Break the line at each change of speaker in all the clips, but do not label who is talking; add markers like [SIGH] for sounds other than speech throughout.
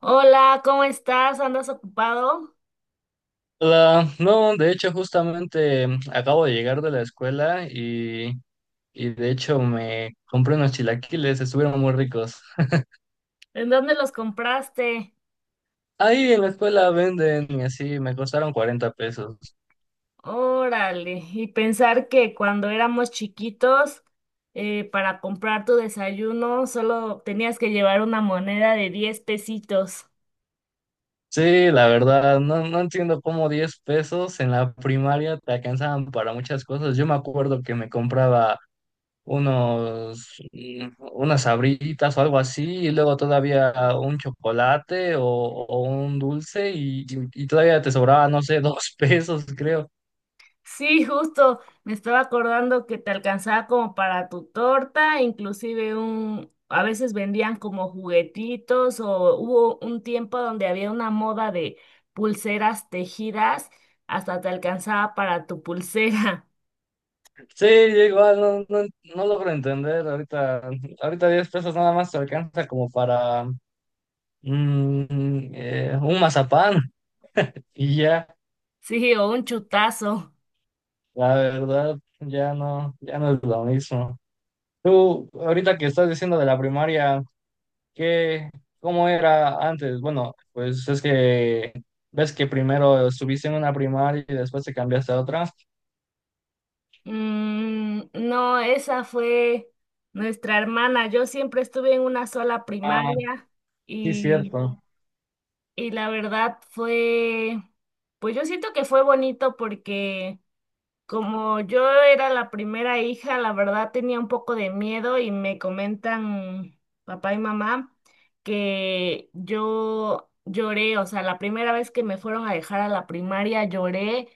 Hola, ¿cómo estás? ¿Andas ocupado?
Hola, no, de hecho justamente acabo de llegar de la escuela y de hecho me compré unos chilaquiles, estuvieron muy ricos.
¿En dónde los compraste?
Ahí en la escuela venden y así me costaron 40 pesos.
Órale, y pensar que cuando éramos chiquitos, para comprar tu desayuno solo tenías que llevar una moneda de 10 pesitos.
Sí, la verdad, no, no entiendo cómo 10 pesos en la primaria te alcanzaban para muchas cosas. Yo me acuerdo que me compraba unas sabritas o algo así, y luego todavía un chocolate o un dulce, y todavía te sobraba, no sé, [LAUGHS] 2 pesos, creo.
Sí, justo me estaba acordando que te alcanzaba como para tu torta, inclusive un, a veces vendían como juguetitos o hubo un tiempo donde había una moda de pulseras tejidas, hasta te alcanzaba para tu pulsera. [LAUGHS]
Sí, yo igual no, no, no logro entender. Ahorita, ahorita 10 pesos nada más te alcanza como para un mazapán, [LAUGHS] y ya,
Sí, o un chutazo.
la verdad, ya no, ya no es lo mismo. Tú, ahorita que estás diciendo de la primaria, ¿Qué, cómo era antes? Bueno, pues es que ves que primero estuviste en una primaria y después te cambiaste a otra.
Mm, no, esa fue nuestra hermana. Yo siempre estuve en una sola
Ah,
primaria.
sí, cierto.
Y la verdad fue, pues yo siento que fue bonito porque como yo era la primera hija, la verdad tenía un poco de miedo y me comentan papá y mamá que yo lloré, o sea, la primera vez que me fueron a dejar a la primaria lloré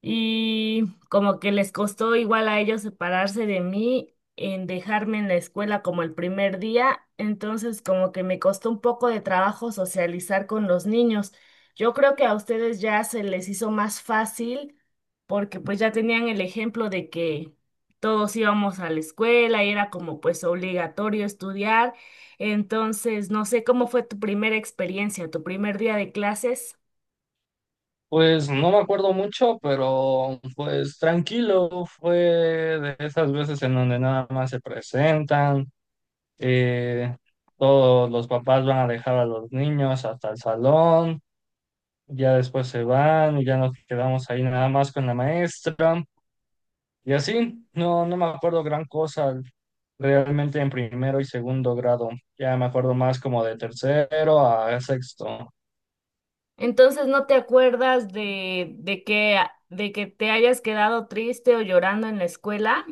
y como que les costó igual a ellos separarse de mí en dejarme en la escuela como el primer día. Entonces, como que me costó un poco de trabajo socializar con los niños. Yo creo que a ustedes ya se les hizo más fácil porque pues ya tenían el ejemplo de que todos íbamos a la escuela y era como pues obligatorio estudiar. Entonces, no sé cómo fue tu primera experiencia, tu primer día de clases.
Pues no me acuerdo mucho, pero pues tranquilo, fue de esas veces en donde nada más se presentan, eh, todos los papás van a dejar a los niños hasta el salón, ya después se van y ya nos quedamos ahí nada más con la maestra. Y así, no, no me acuerdo gran cosa realmente en primero y segundo grado. Ya me acuerdo más como de tercero a sexto.
Entonces, ¿no te acuerdas de que te hayas quedado triste o llorando en la escuela?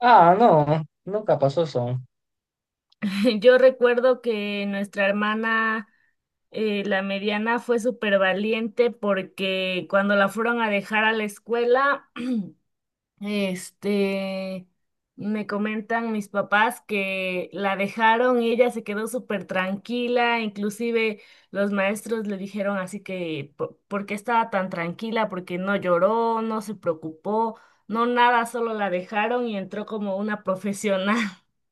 Ah, no, nunca pasó eso.
[LAUGHS] Yo recuerdo que nuestra hermana, la mediana, fue súper valiente porque cuando la fueron a dejar a la escuela, este, me comentan mis papás que la dejaron y ella se quedó súper tranquila. Inclusive los maestros le dijeron así que, ¿por qué estaba tan tranquila? Porque no lloró, no se preocupó, no nada, solo la dejaron y entró como una profesional. [LAUGHS]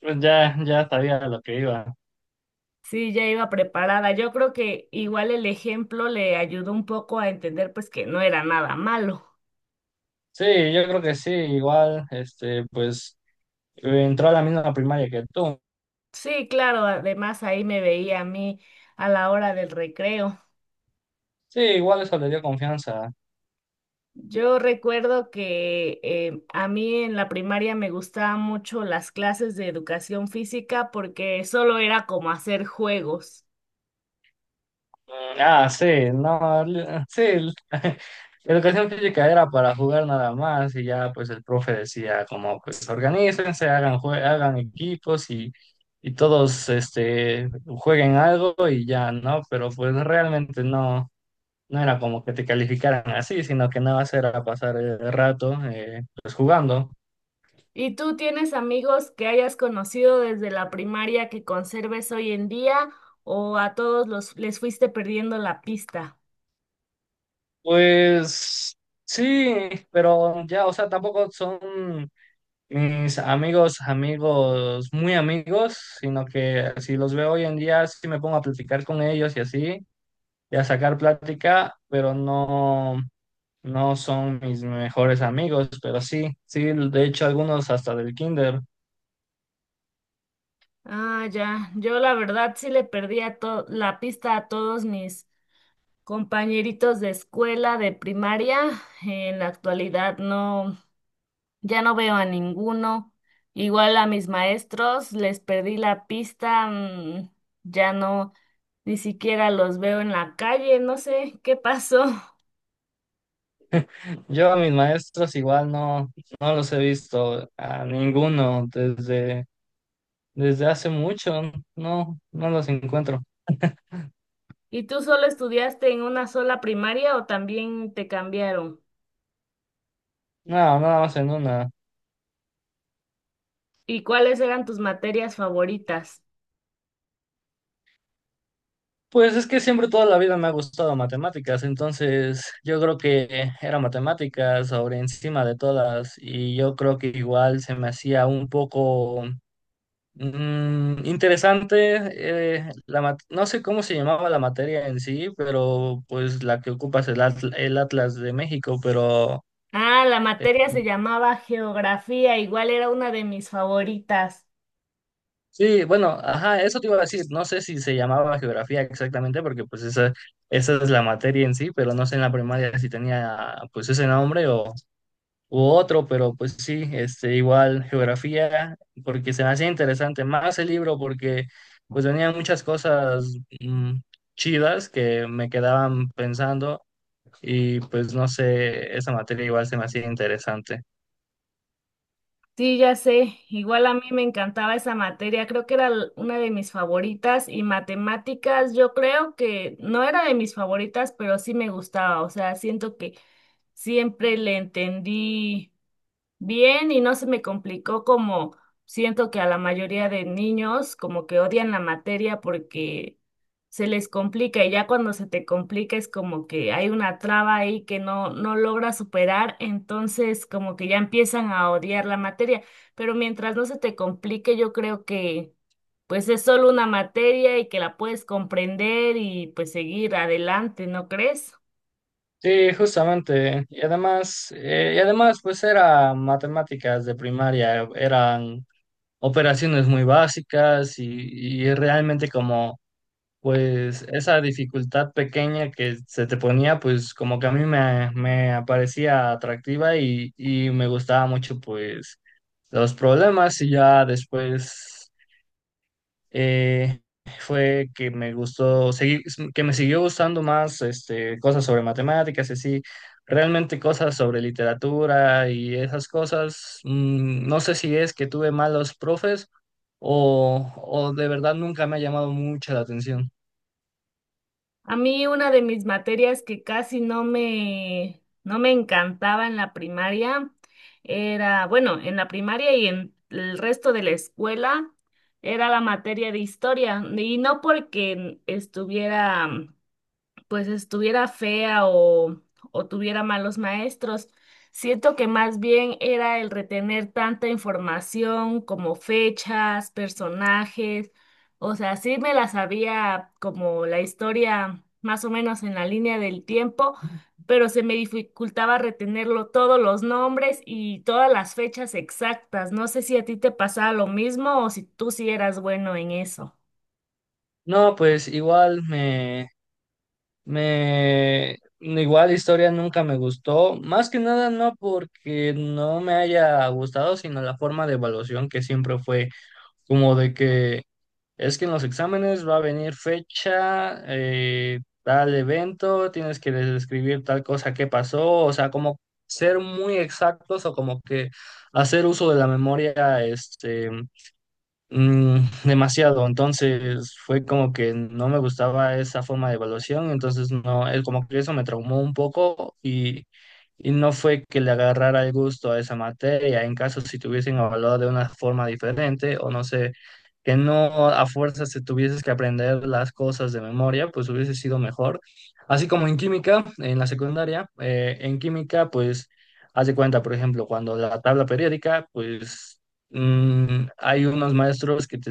Pues ya, ya sabía a lo que iba.
Sí, ya iba preparada. Yo creo que igual el ejemplo le ayudó un poco a entender pues que no era nada malo.
Sí, yo creo que sí, igual, este, pues entró a la misma primaria que tú.
Sí, claro, además ahí me veía a mí a la hora del recreo.
Sí, igual eso le dio confianza.
Yo recuerdo que a mí en la primaria me gustaban mucho las clases de educación física porque solo era como hacer juegos.
Ah, sí, no, sí, [LAUGHS] educación física era para jugar nada más y ya pues el profe decía como pues organícense, hagan equipos y, todos este jueguen algo y ya, ¿no? Pero pues realmente no, no era como que te calificaran así, sino que nada más era pasar el rato pues jugando.
¿Y tú tienes amigos que hayas conocido desde la primaria que conserves hoy en día o a todos los les fuiste perdiendo la pista?
Pues sí, pero ya, o sea, tampoco son mis amigos, amigos, muy amigos, sino que si los veo hoy en día, sí me pongo a platicar con ellos y así, y a sacar plática, pero no, no son mis mejores amigos, pero sí, sí, de hecho algunos hasta del kinder.
Ah, ya. Yo la verdad sí le perdí la pista a todos mis compañeritos de escuela, de primaria. En la actualidad no. Ya no veo a ninguno. Igual a mis maestros, les perdí la pista, ya no, ni siquiera los veo en la calle, no sé qué pasó. [LAUGHS]
Yo a mis maestros igual no, no los he visto a ninguno desde hace mucho, no, no los encuentro.
¿Y tú solo estudiaste en una sola primaria o también te cambiaron?
No, nada más en una.
¿Y cuáles eran tus materias favoritas?
Pues es que siempre toda la vida me ha gustado matemáticas, entonces yo creo que era matemáticas sobre encima de todas y yo creo que igual se me hacía un poco interesante, no sé cómo se llamaba la materia en sí, pero pues la que ocupas el Atlas de México, pero.
Ah, la
eh,
materia se llamaba geografía, igual era una de mis favoritas.
Sí, bueno, ajá, eso te iba a decir. No sé si se llamaba geografía exactamente, porque pues esa es la materia en sí, pero no sé en la primaria si tenía pues ese nombre o u otro, pero pues sí, este, igual geografía, porque se me hacía interesante más el libro, porque pues venían muchas cosas mm, chidas que me quedaban pensando y pues no sé, esa materia igual se me hacía interesante.
Sí, ya sé. Igual a mí me encantaba esa materia. Creo que era una de mis favoritas y matemáticas, yo creo que no era de mis favoritas, pero sí me gustaba. O sea, siento que siempre le entendí bien y no se me complicó, como siento que a la mayoría de niños como que odian la materia porque se les complica, y ya cuando se te complica es como que hay una traba ahí que no logra superar, entonces como que ya empiezan a odiar la materia. Pero mientras no se te complique yo creo que pues es solo una materia y que la puedes comprender y pues seguir adelante, ¿no crees?
Sí, justamente. Y además, pues era matemáticas de primaria, eran operaciones muy básicas y, realmente como, pues esa dificultad pequeña que se te ponía, pues como que a mí me parecía atractiva y me gustaba mucho, pues, los problemas y ya después eh, fue que me gustó, que me siguió gustando más este, cosas sobre matemáticas y así, realmente cosas sobre literatura y esas cosas. No sé si es que tuve malos profes o de verdad nunca me ha llamado mucho la atención.
A mí una de mis materias que casi no me, no me encantaba en la primaria era, bueno, en la primaria y en el resto de la escuela era la materia de historia. Y no porque estuviera pues estuviera fea o tuviera malos maestros. Siento que más bien era el retener tanta información como fechas, personajes, o sea, sí me la sabía como la historia más o menos en la línea del tiempo, pero se me dificultaba retenerlo todos los nombres y todas las fechas exactas. No sé si a ti te pasaba lo mismo o si tú sí eras bueno en eso.
No, pues igual igual historia nunca me gustó, más que nada no porque no me haya gustado, sino la forma de evaluación que siempre fue como de que es que en los exámenes va a venir fecha, tal evento, tienes que describir tal cosa que pasó, o sea, como ser muy exactos o como que hacer uso de la memoria, este. Mm, demasiado, entonces fue como que no me gustaba esa forma de evaluación, entonces no, él como que eso me traumó un poco y no fue que le agarrara el gusto a esa materia, en caso si te hubiesen evaluado de una forma diferente o no sé, que no a fuerza se tuvieses que aprender las cosas de memoria, pues hubiese sido mejor. Así como en química, en la secundaria, en química pues. Haz de cuenta, por ejemplo, cuando la tabla periódica, pues hay unos maestros que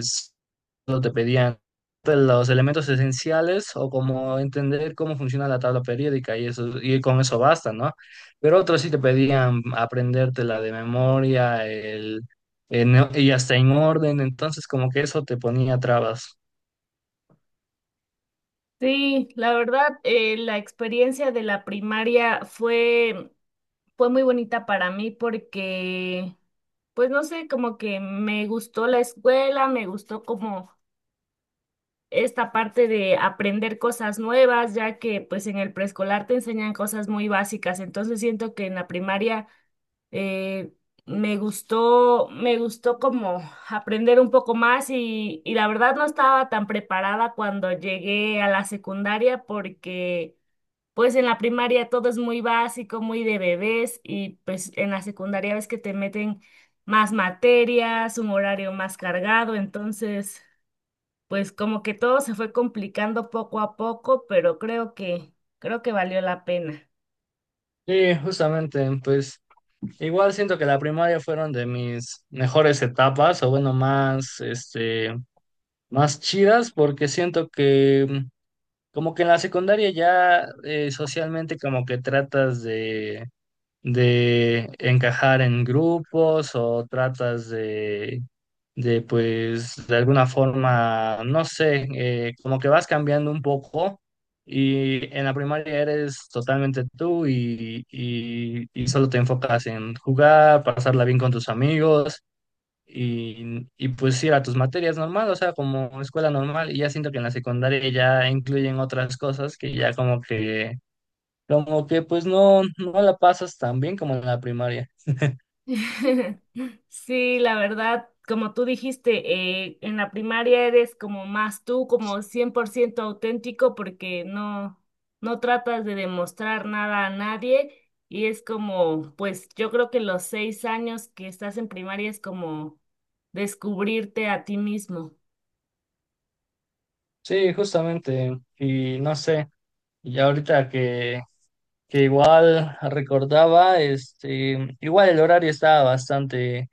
solo te pedían los elementos esenciales o como entender cómo funciona la tabla periódica y eso, y con eso basta, ¿no? Pero otros sí te pedían aprendértela de memoria, y hasta en orden, entonces como que eso te ponía trabas.
Sí, la verdad, la experiencia de la primaria fue muy bonita para mí porque, pues no sé, como que me gustó la escuela, me gustó como esta parte de aprender cosas nuevas, ya que pues en el preescolar te enseñan cosas muy básicas. Entonces siento que en la primaria eh, me gustó como aprender un poco más, y la verdad no estaba tan preparada cuando llegué a la secundaria porque pues en la primaria todo es muy básico, muy de bebés, y pues en la secundaria ves que te meten más materias, un horario más cargado, entonces pues como que todo se fue complicando poco a poco, pero creo que valió la pena.
Sí, justamente, pues igual siento que la primaria fueron de mis mejores etapas, o bueno, más chidas, porque siento que como que en la secundaria ya socialmente como que tratas de encajar en grupos o tratas de pues de alguna forma, no sé, como que vas cambiando un poco y en la primaria eres totalmente tú y, solo te enfocas en jugar, pasarla bien con tus amigos y pues ir a tus materias normal, o sea, como escuela normal, y ya siento que en la secundaria ya incluyen otras cosas que ya como que pues no, no la pasas tan bien como en la primaria.
[LAUGHS] Sí, la verdad, como tú dijiste, en la primaria eres como más tú, como 100% auténtico porque no tratas de demostrar nada a nadie, y es como, pues yo creo que los 6 años que estás en primaria es como descubrirte a ti mismo.
Sí, justamente, y no sé, y ahorita que igual recordaba, este, igual el horario estaba bastante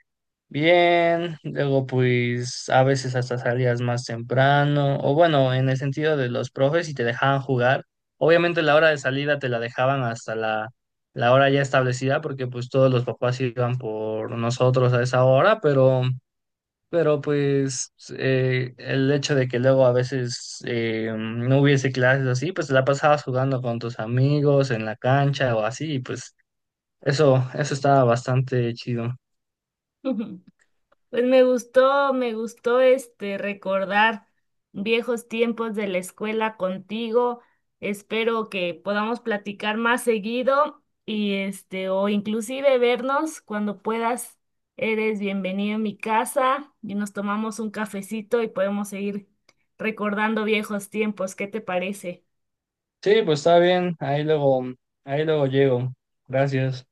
bien, luego pues a veces hasta salías más temprano, o bueno, en el sentido de los profes y te dejaban jugar. Obviamente la hora de salida te la dejaban hasta la hora ya establecida porque pues todos los papás iban por nosotros a esa hora, pero pues el hecho de que luego a veces no hubiese clases o así, pues la pasabas jugando con tus amigos en la cancha o así, y pues eso estaba bastante chido.
[LAUGHS] Pues me gustó este recordar viejos tiempos de la escuela contigo. Espero que podamos platicar más seguido y este o inclusive vernos cuando puedas. Eres bienvenido a mi casa y nos tomamos un cafecito y podemos seguir recordando viejos tiempos. ¿Qué te parece?
Sí, pues está bien. Ahí luego llego. Gracias.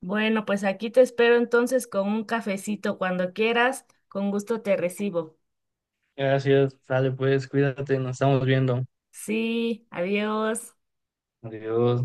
Bueno, pues aquí te espero entonces con un cafecito cuando quieras. Con gusto te recibo.
Gracias. Dale, pues, cuídate, nos estamos viendo.
Sí, adiós.
Adiós.